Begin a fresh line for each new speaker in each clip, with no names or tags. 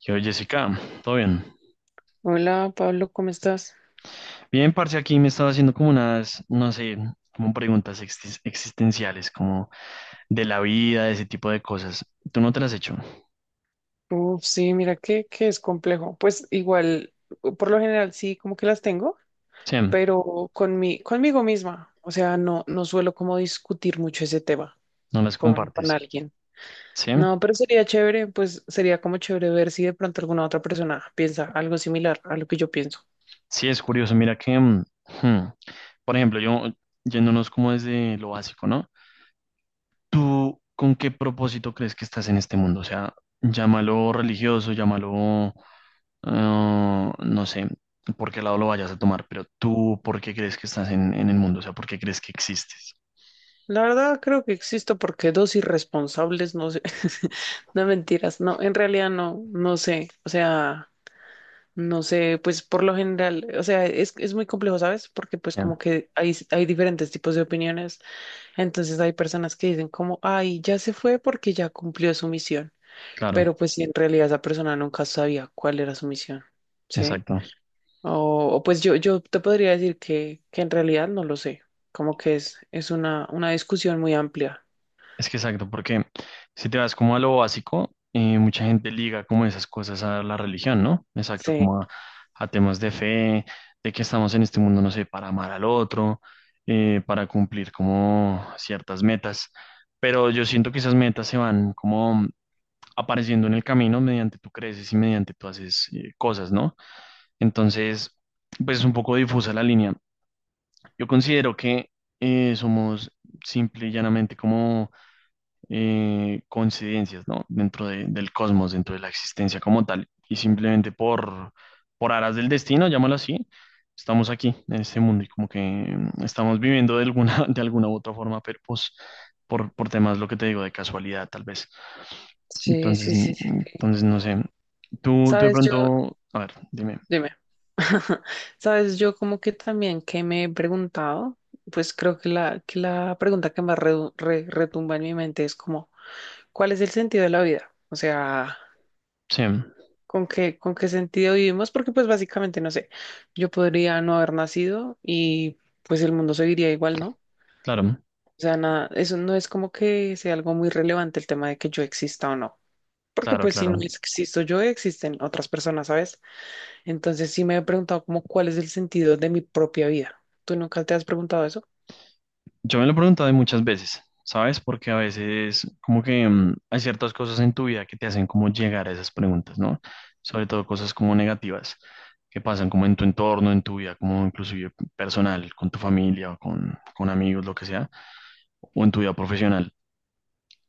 Yo, Jessica, ¿todo bien?
Hola Pablo, ¿cómo estás?
Bien, parce, aquí me estaba haciendo como unas, no sé, como preguntas existenciales, como de la vida, de ese tipo de cosas. ¿Tú no te las has hecho?
Uf, sí, mira que es complejo. Pues igual, por lo general sí, como que las tengo,
Sí,
pero conmigo misma. O sea, no suelo como discutir mucho ese tema
no las
con
compartes.
alguien.
Sí,
No, pero sería chévere, pues sería como chévere ver si de pronto alguna otra persona piensa algo similar a lo que yo pienso.
sí, es curioso. Mira que, hmm, por ejemplo, yo, yéndonos como desde lo básico, ¿no? ¿Tú con qué propósito crees que estás en este mundo? O sea, llámalo religioso, llámalo ah, no sé por qué lado lo vayas a tomar, pero tú, ¿por qué crees que estás en el mundo? O sea, ¿por qué crees que existes?
La verdad creo que existo porque dos irresponsables, no sé, no mentiras, no, en realidad no sé, o sea... No sé, pues por lo general, o sea, es muy complejo, ¿sabes? Porque pues
Ya,
como que hay diferentes tipos de opiniones, entonces hay personas que dicen como, ay, ya se fue porque ya cumplió su misión,
claro,
pero pues si en realidad esa persona nunca sabía cuál era su misión, ¿sí?
exacto.
Pues yo te podría decir que en realidad no lo sé, como que es una discusión muy amplia.
Es que exacto, porque si te vas como a lo básico, mucha gente liga como esas cosas a la religión, ¿no? Exacto,
Sí,
como a temas de fe, de que estamos en este mundo, no sé, para amar al otro, para cumplir como ciertas metas. Pero yo siento que esas metas se van como apareciendo en el camino mediante tú creces y mediante tú haces cosas, ¿no? Entonces, pues es un poco difusa la línea. Yo considero que somos simple y llanamente como coincidencias, ¿no? Dentro del cosmos, dentro de la existencia como tal. Y simplemente por aras del destino, llámalo así, estamos aquí en este mundo y como que estamos viviendo de alguna, de alguna u otra forma, pero pues por temas, lo que te digo, de casualidad, tal vez.
sí,
Entonces,
sí, sí, sí, sí.
entonces no sé. Tú de
Sabes, yo,
pronto, a ver, dime.
dime. Sabes, yo como que también que me he preguntado, pues creo que que la pregunta que más retumba en mi mente es como, ¿cuál es el sentido de la vida? O sea,
Sí,
con qué sentido vivimos? Porque pues básicamente, no sé, yo podría no haber nacido y pues el mundo seguiría igual, ¿no?
claro,
O sea, nada, eso no es como que sea algo muy relevante el tema de que yo exista o no. Porque
claro,
pues si no
claro.
existo yo, existen otras personas, ¿sabes? Entonces sí me he preguntado como cuál es el sentido de mi propia vida. ¿Tú nunca te has preguntado eso?
Yo me lo he preguntado muchas veces, ¿sabes? Porque a veces como que hay ciertas cosas en tu vida que te hacen como llegar a esas preguntas, ¿no? Sobre todo cosas como negativas que pasan como en tu entorno, en tu vida, como inclusive personal, con tu familia o con amigos, lo que sea, o en tu vida profesional.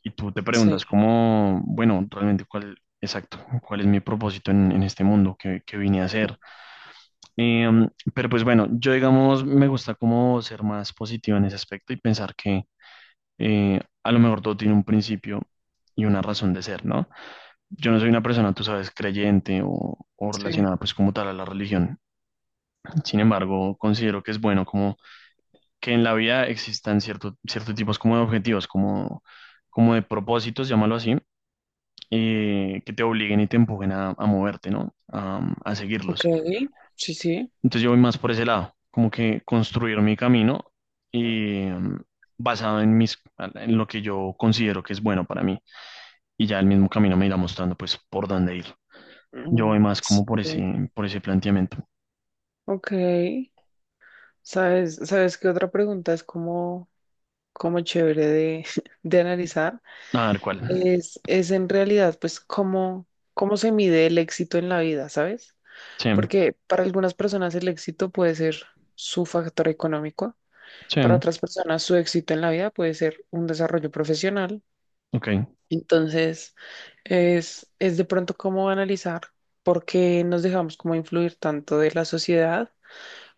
Y tú te preguntas
Sí,
cómo, bueno, realmente cuál, exacto, cuál es mi propósito en este mundo que vine a hacer. Pero pues bueno, yo digamos, me gusta como ser más positivo en ese aspecto y pensar que a lo mejor todo tiene un principio y una razón de ser, ¿no? Yo no soy una persona, tú sabes, creyente o
sí.
relacionada pues como tal a la religión. Sin embargo, considero que es bueno como que en la vida existan ciertos tipos como de objetivos, como de propósitos, llámalo así, que te obliguen y te empujen a moverte, ¿no? A
Ok,
seguirlos.
sí, sí.
Entonces yo voy más por ese lado, como que construir mi camino y basado en mis, en lo que yo considero que es bueno para mí. Y ya el mismo camino me irá mostrando pues por dónde ir. Yo voy
Mm,
más
sí.
como por ese planteamiento.
Ok. Sabes qué otra pregunta es como, como chévere de, de analizar?
A ver cuál.
Es en realidad, pues, cómo, cómo se mide el éxito en la vida, ¿sabes?
Sí,
Porque para algunas personas el éxito puede ser su factor económico,
sí,
para otras personas su éxito en la vida puede ser un desarrollo profesional.
ok,
Entonces, es de pronto cómo analizar por qué nos dejamos como influir tanto de la sociedad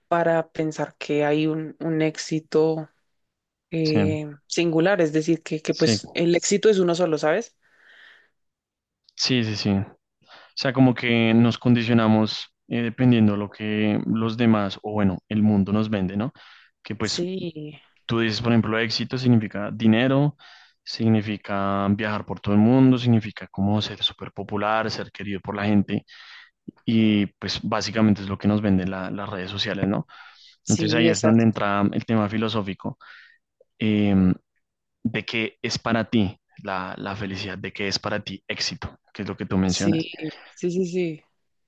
para pensar que hay un éxito
sí,
singular, es decir, que
sí.
pues el éxito es uno solo, ¿sabes?
Sí, sí, sí. O sea, como que nos condicionamos dependiendo lo que los demás, o bueno, el mundo nos vende, ¿no? Que pues
Sí,
tú dices, por ejemplo, éxito significa dinero, significa viajar por todo el mundo, significa como ser súper popular, ser querido por la gente, y pues básicamente es lo que nos venden las redes sociales, ¿no? Entonces
sí,
ahí es donde
exacto.
entra el tema filosófico. Em, de qué es para ti la felicidad, de qué es para ti éxito, que es lo que tú mencionas.
Sí, sí, sí, sí.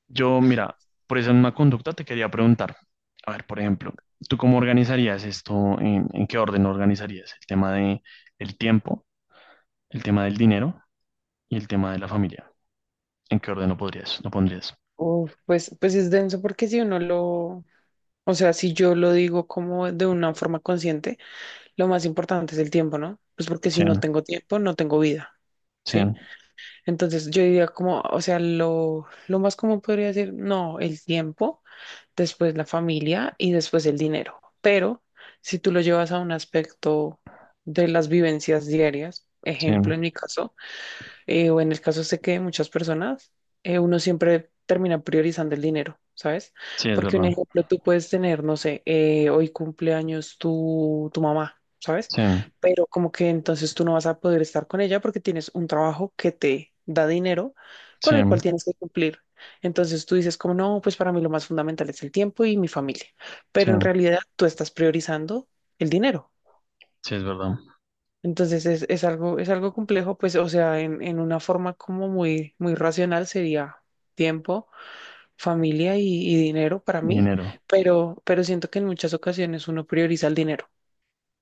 Yo, mira, por esa misma conducta te quería preguntar, a ver, por ejemplo, ¿tú cómo organizarías esto? ¿En qué orden organizarías? El tema de el tiempo, el tema del dinero y el tema de la familia. ¿En qué orden lo podrías, lo pondrías?
Uf, pues, pues es denso porque si uno lo, o sea, si yo lo digo como de una forma consciente, lo más importante es el tiempo, ¿no? Pues porque si
Sí,
no tengo tiempo, no tengo vida.
sí,
¿Sí? Entonces yo diría como, o sea, lo más común podría decir, no, el tiempo, después la familia y después el dinero. Pero si tú lo llevas a un aspecto de las vivencias diarias,
sí,
ejemplo en mi caso, o en el caso sé que de muchas personas, uno siempre termina priorizando el dinero, ¿sabes?
sí, es
Porque un
verdad.
ejemplo, tú puedes tener, no sé, hoy cumpleaños tu mamá, ¿sabes?
Sí,
Pero como que entonces tú no vas a poder estar con ella porque tienes un trabajo que te da dinero
sí,
con el cual tienes que cumplir. Entonces tú dices como, no, pues para mí lo más fundamental es el tiempo y mi familia,
sí,
pero en realidad tú estás priorizando el dinero.
sí, es verdad.
Entonces es algo complejo, pues, o sea, en una forma como muy, muy racional sería tiempo, familia y dinero para mí,
Dinero.
pero siento que en muchas ocasiones uno prioriza el dinero.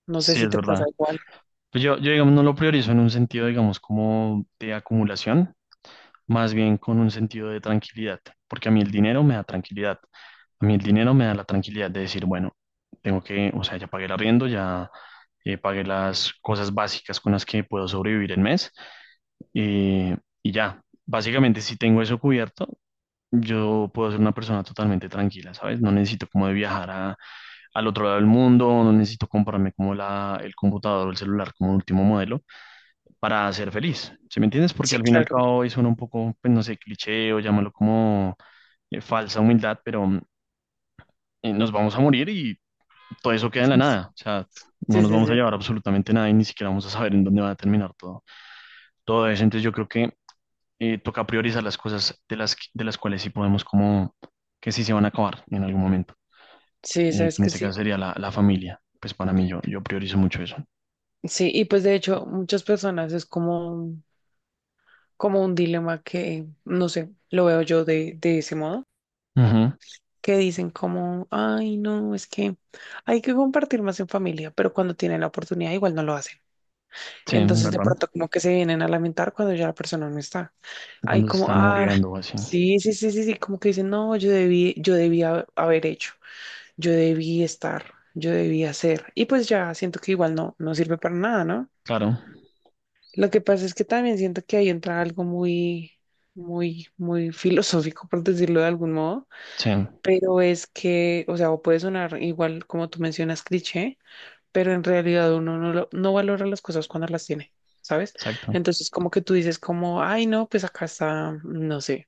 No sé
Sí,
si
es
te pasa
verdad.
igual.
Pues yo, digamos, no lo priorizo en un sentido, digamos, como de acumulación, más bien con un sentido de tranquilidad, porque a mí el dinero me da tranquilidad. A mí el dinero me da la tranquilidad de decir, bueno, tengo que, o sea, ya pagué el arriendo, ya pagué las cosas básicas con las que puedo sobrevivir el mes eh, y ya. Básicamente, si tengo eso cubierto, yo puedo ser una persona totalmente tranquila, ¿sabes? No necesito como de viajar al otro lado del mundo, no necesito comprarme como el computador o el celular como último modelo para ser feliz, ¿sí me entiendes? Porque
Sí,
al fin y al
claro.
cabo eso suena un poco, pues no sé, cliché o llámalo como falsa humildad, pero nos vamos a morir y todo eso queda en la nada. O sea, no
Sí, sí,
nos vamos
sí.
a llevar absolutamente nada y ni siquiera vamos a saber en dónde va a terminar todo eso. Entonces yo creo que toca priorizar las cosas de las cuales sí podemos como que sí se van a acabar en algún momento.
Sí,
Y
sabes
en
que
este
sí.
caso sería la familia. Pues para mí yo priorizo mucho eso.
Sí, y pues de hecho muchas personas es como, como un dilema que, no sé, lo veo yo de ese modo.
Ujú,
Que dicen como, ay, no, es que hay que compartir más en familia, pero cuando tienen la oportunidad igual no lo hacen.
sí,
Entonces de
¿verdad?
pronto como que se vienen a lamentar cuando ya la persona no está. Hay
Cuando se
como,
están
ah,
muriendo o así.
sí, sí, sí, sí, sí, como que dicen, no, yo debí, yo debía haber hecho, yo debí estar, yo debí hacer. Y pues ya siento que igual no, no sirve para nada, ¿no?
Claro,
Lo que pasa es que también siento que ahí entra algo muy, muy, muy filosófico, por decirlo de algún modo,
sí,
pero es que, o sea, o puede sonar igual como tú mencionas, cliché, pero en realidad uno no, no valora las cosas cuando las tiene, ¿sabes?
exacto.
Entonces, como que tú dices como, ay, no, pues acá está, no sé,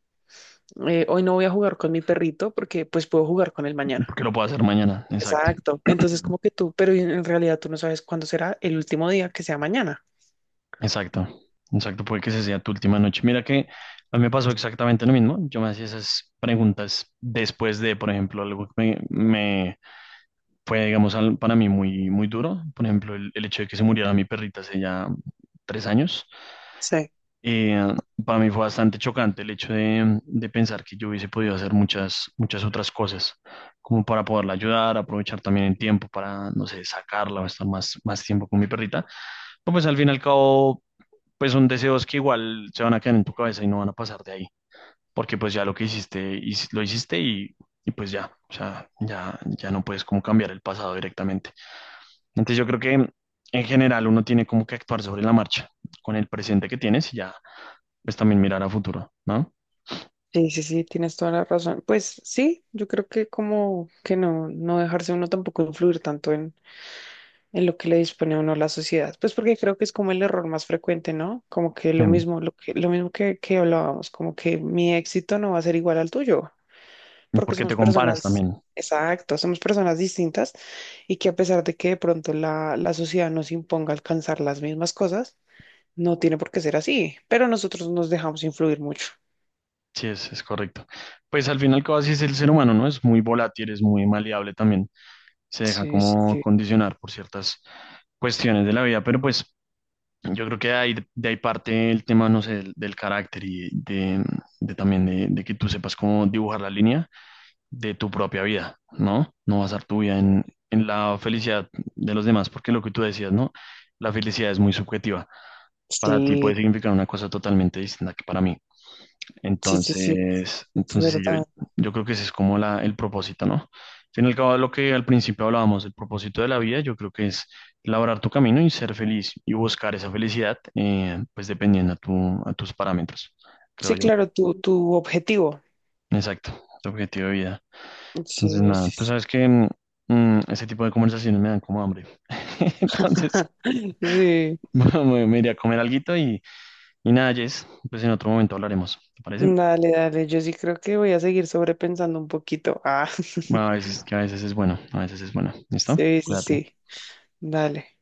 hoy no voy a jugar con mi perrito porque pues puedo jugar con él mañana.
Porque lo puedo hacer mañana, exacto.
Exacto. Entonces, como que tú, pero en realidad tú no sabes cuándo será el último día que sea mañana.
Exacto, exacto, puede que esa sea tu última noche. Mira que a mí me pasó exactamente lo mismo. Yo me hacía esas preguntas después de, por ejemplo, algo que me fue, digamos, para mí muy, muy duro. Por ejemplo, el hecho de que se muriera mi perrita hace ya 3 años.
Sí,
Eh, para mí fue bastante chocante el hecho de pensar que yo hubiese podido hacer muchas, muchas otras cosas, como para poderla ayudar, aprovechar también el tiempo para, no sé, sacarla o estar más, más tiempo con mi perrita. Pues al fin y al cabo pues son deseos que igual se van a quedar en tu cabeza y no van a pasar de ahí, porque pues ya lo que hiciste, lo hiciste y pues ya, o sea, ya no puedes como cambiar el pasado directamente. Entonces yo creo que en general uno tiene como que actuar sobre la marcha, con el presente que tienes y ya, pues también mirar a futuro, ¿no?
sí, sí, sí, tienes toda la razón. Pues sí, yo creo que como que no dejarse uno tampoco influir tanto en lo que le dispone a uno la sociedad. Pues porque creo que es como el error más frecuente, ¿no? Como que lo
Em,
mismo, lo mismo que hablábamos, como que mi éxito no va a ser igual al tuyo, porque
Porque te
somos
comparas
personas,
también.
exacto, somos personas distintas y que a pesar de que de pronto la sociedad nos imponga alcanzar las mismas cosas, no tiene por qué ser así, pero nosotros nos dejamos influir mucho.
Sí, es correcto. Pues al final, casi es el ser humano, ¿no? Es muy volátil, es muy maleable también. Se deja
Sí,
como
sí,
condicionar por ciertas cuestiones de la vida, pero pues yo creo que hay, de ahí parte el tema, no sé, del carácter y de también de que tú sepas cómo dibujar la línea de tu propia vida, ¿no? No basar tu vida en, la felicidad de los demás, porque lo que tú decías, ¿no? La felicidad es muy subjetiva. Para ti puede
sí,
significar una cosa totalmente distinta que para mí.
sí, sí, sí,
Entonces,
sí,
entonces
es
sí, yo,
verdad.
yo creo que ese es como el propósito, ¿no? Al fin y al cabo, lo que al principio hablábamos, el propósito de la vida, yo creo que es labrar tu camino y ser feliz y buscar esa felicidad, pues dependiendo a tus parámetros, creo
Sí,
yo.
claro, tu objetivo.
Exacto, tu objetivo de vida. Entonces,
Sí,
nada,
sí,
tú
sí.
sabes que ese tipo de conversaciones me dan como hambre. Entonces,
Sí.
bueno, me iré a comer alguito y nada, Jess, pues en otro momento hablaremos, ¿te parece?
Dale, dale, yo sí creo que voy a seguir sobrepensando un poquito. Ah,
Bueno, que a veces es bueno, a veces es bueno. ¿Listo?
sí, sí,
Cuídate.
sí, dale.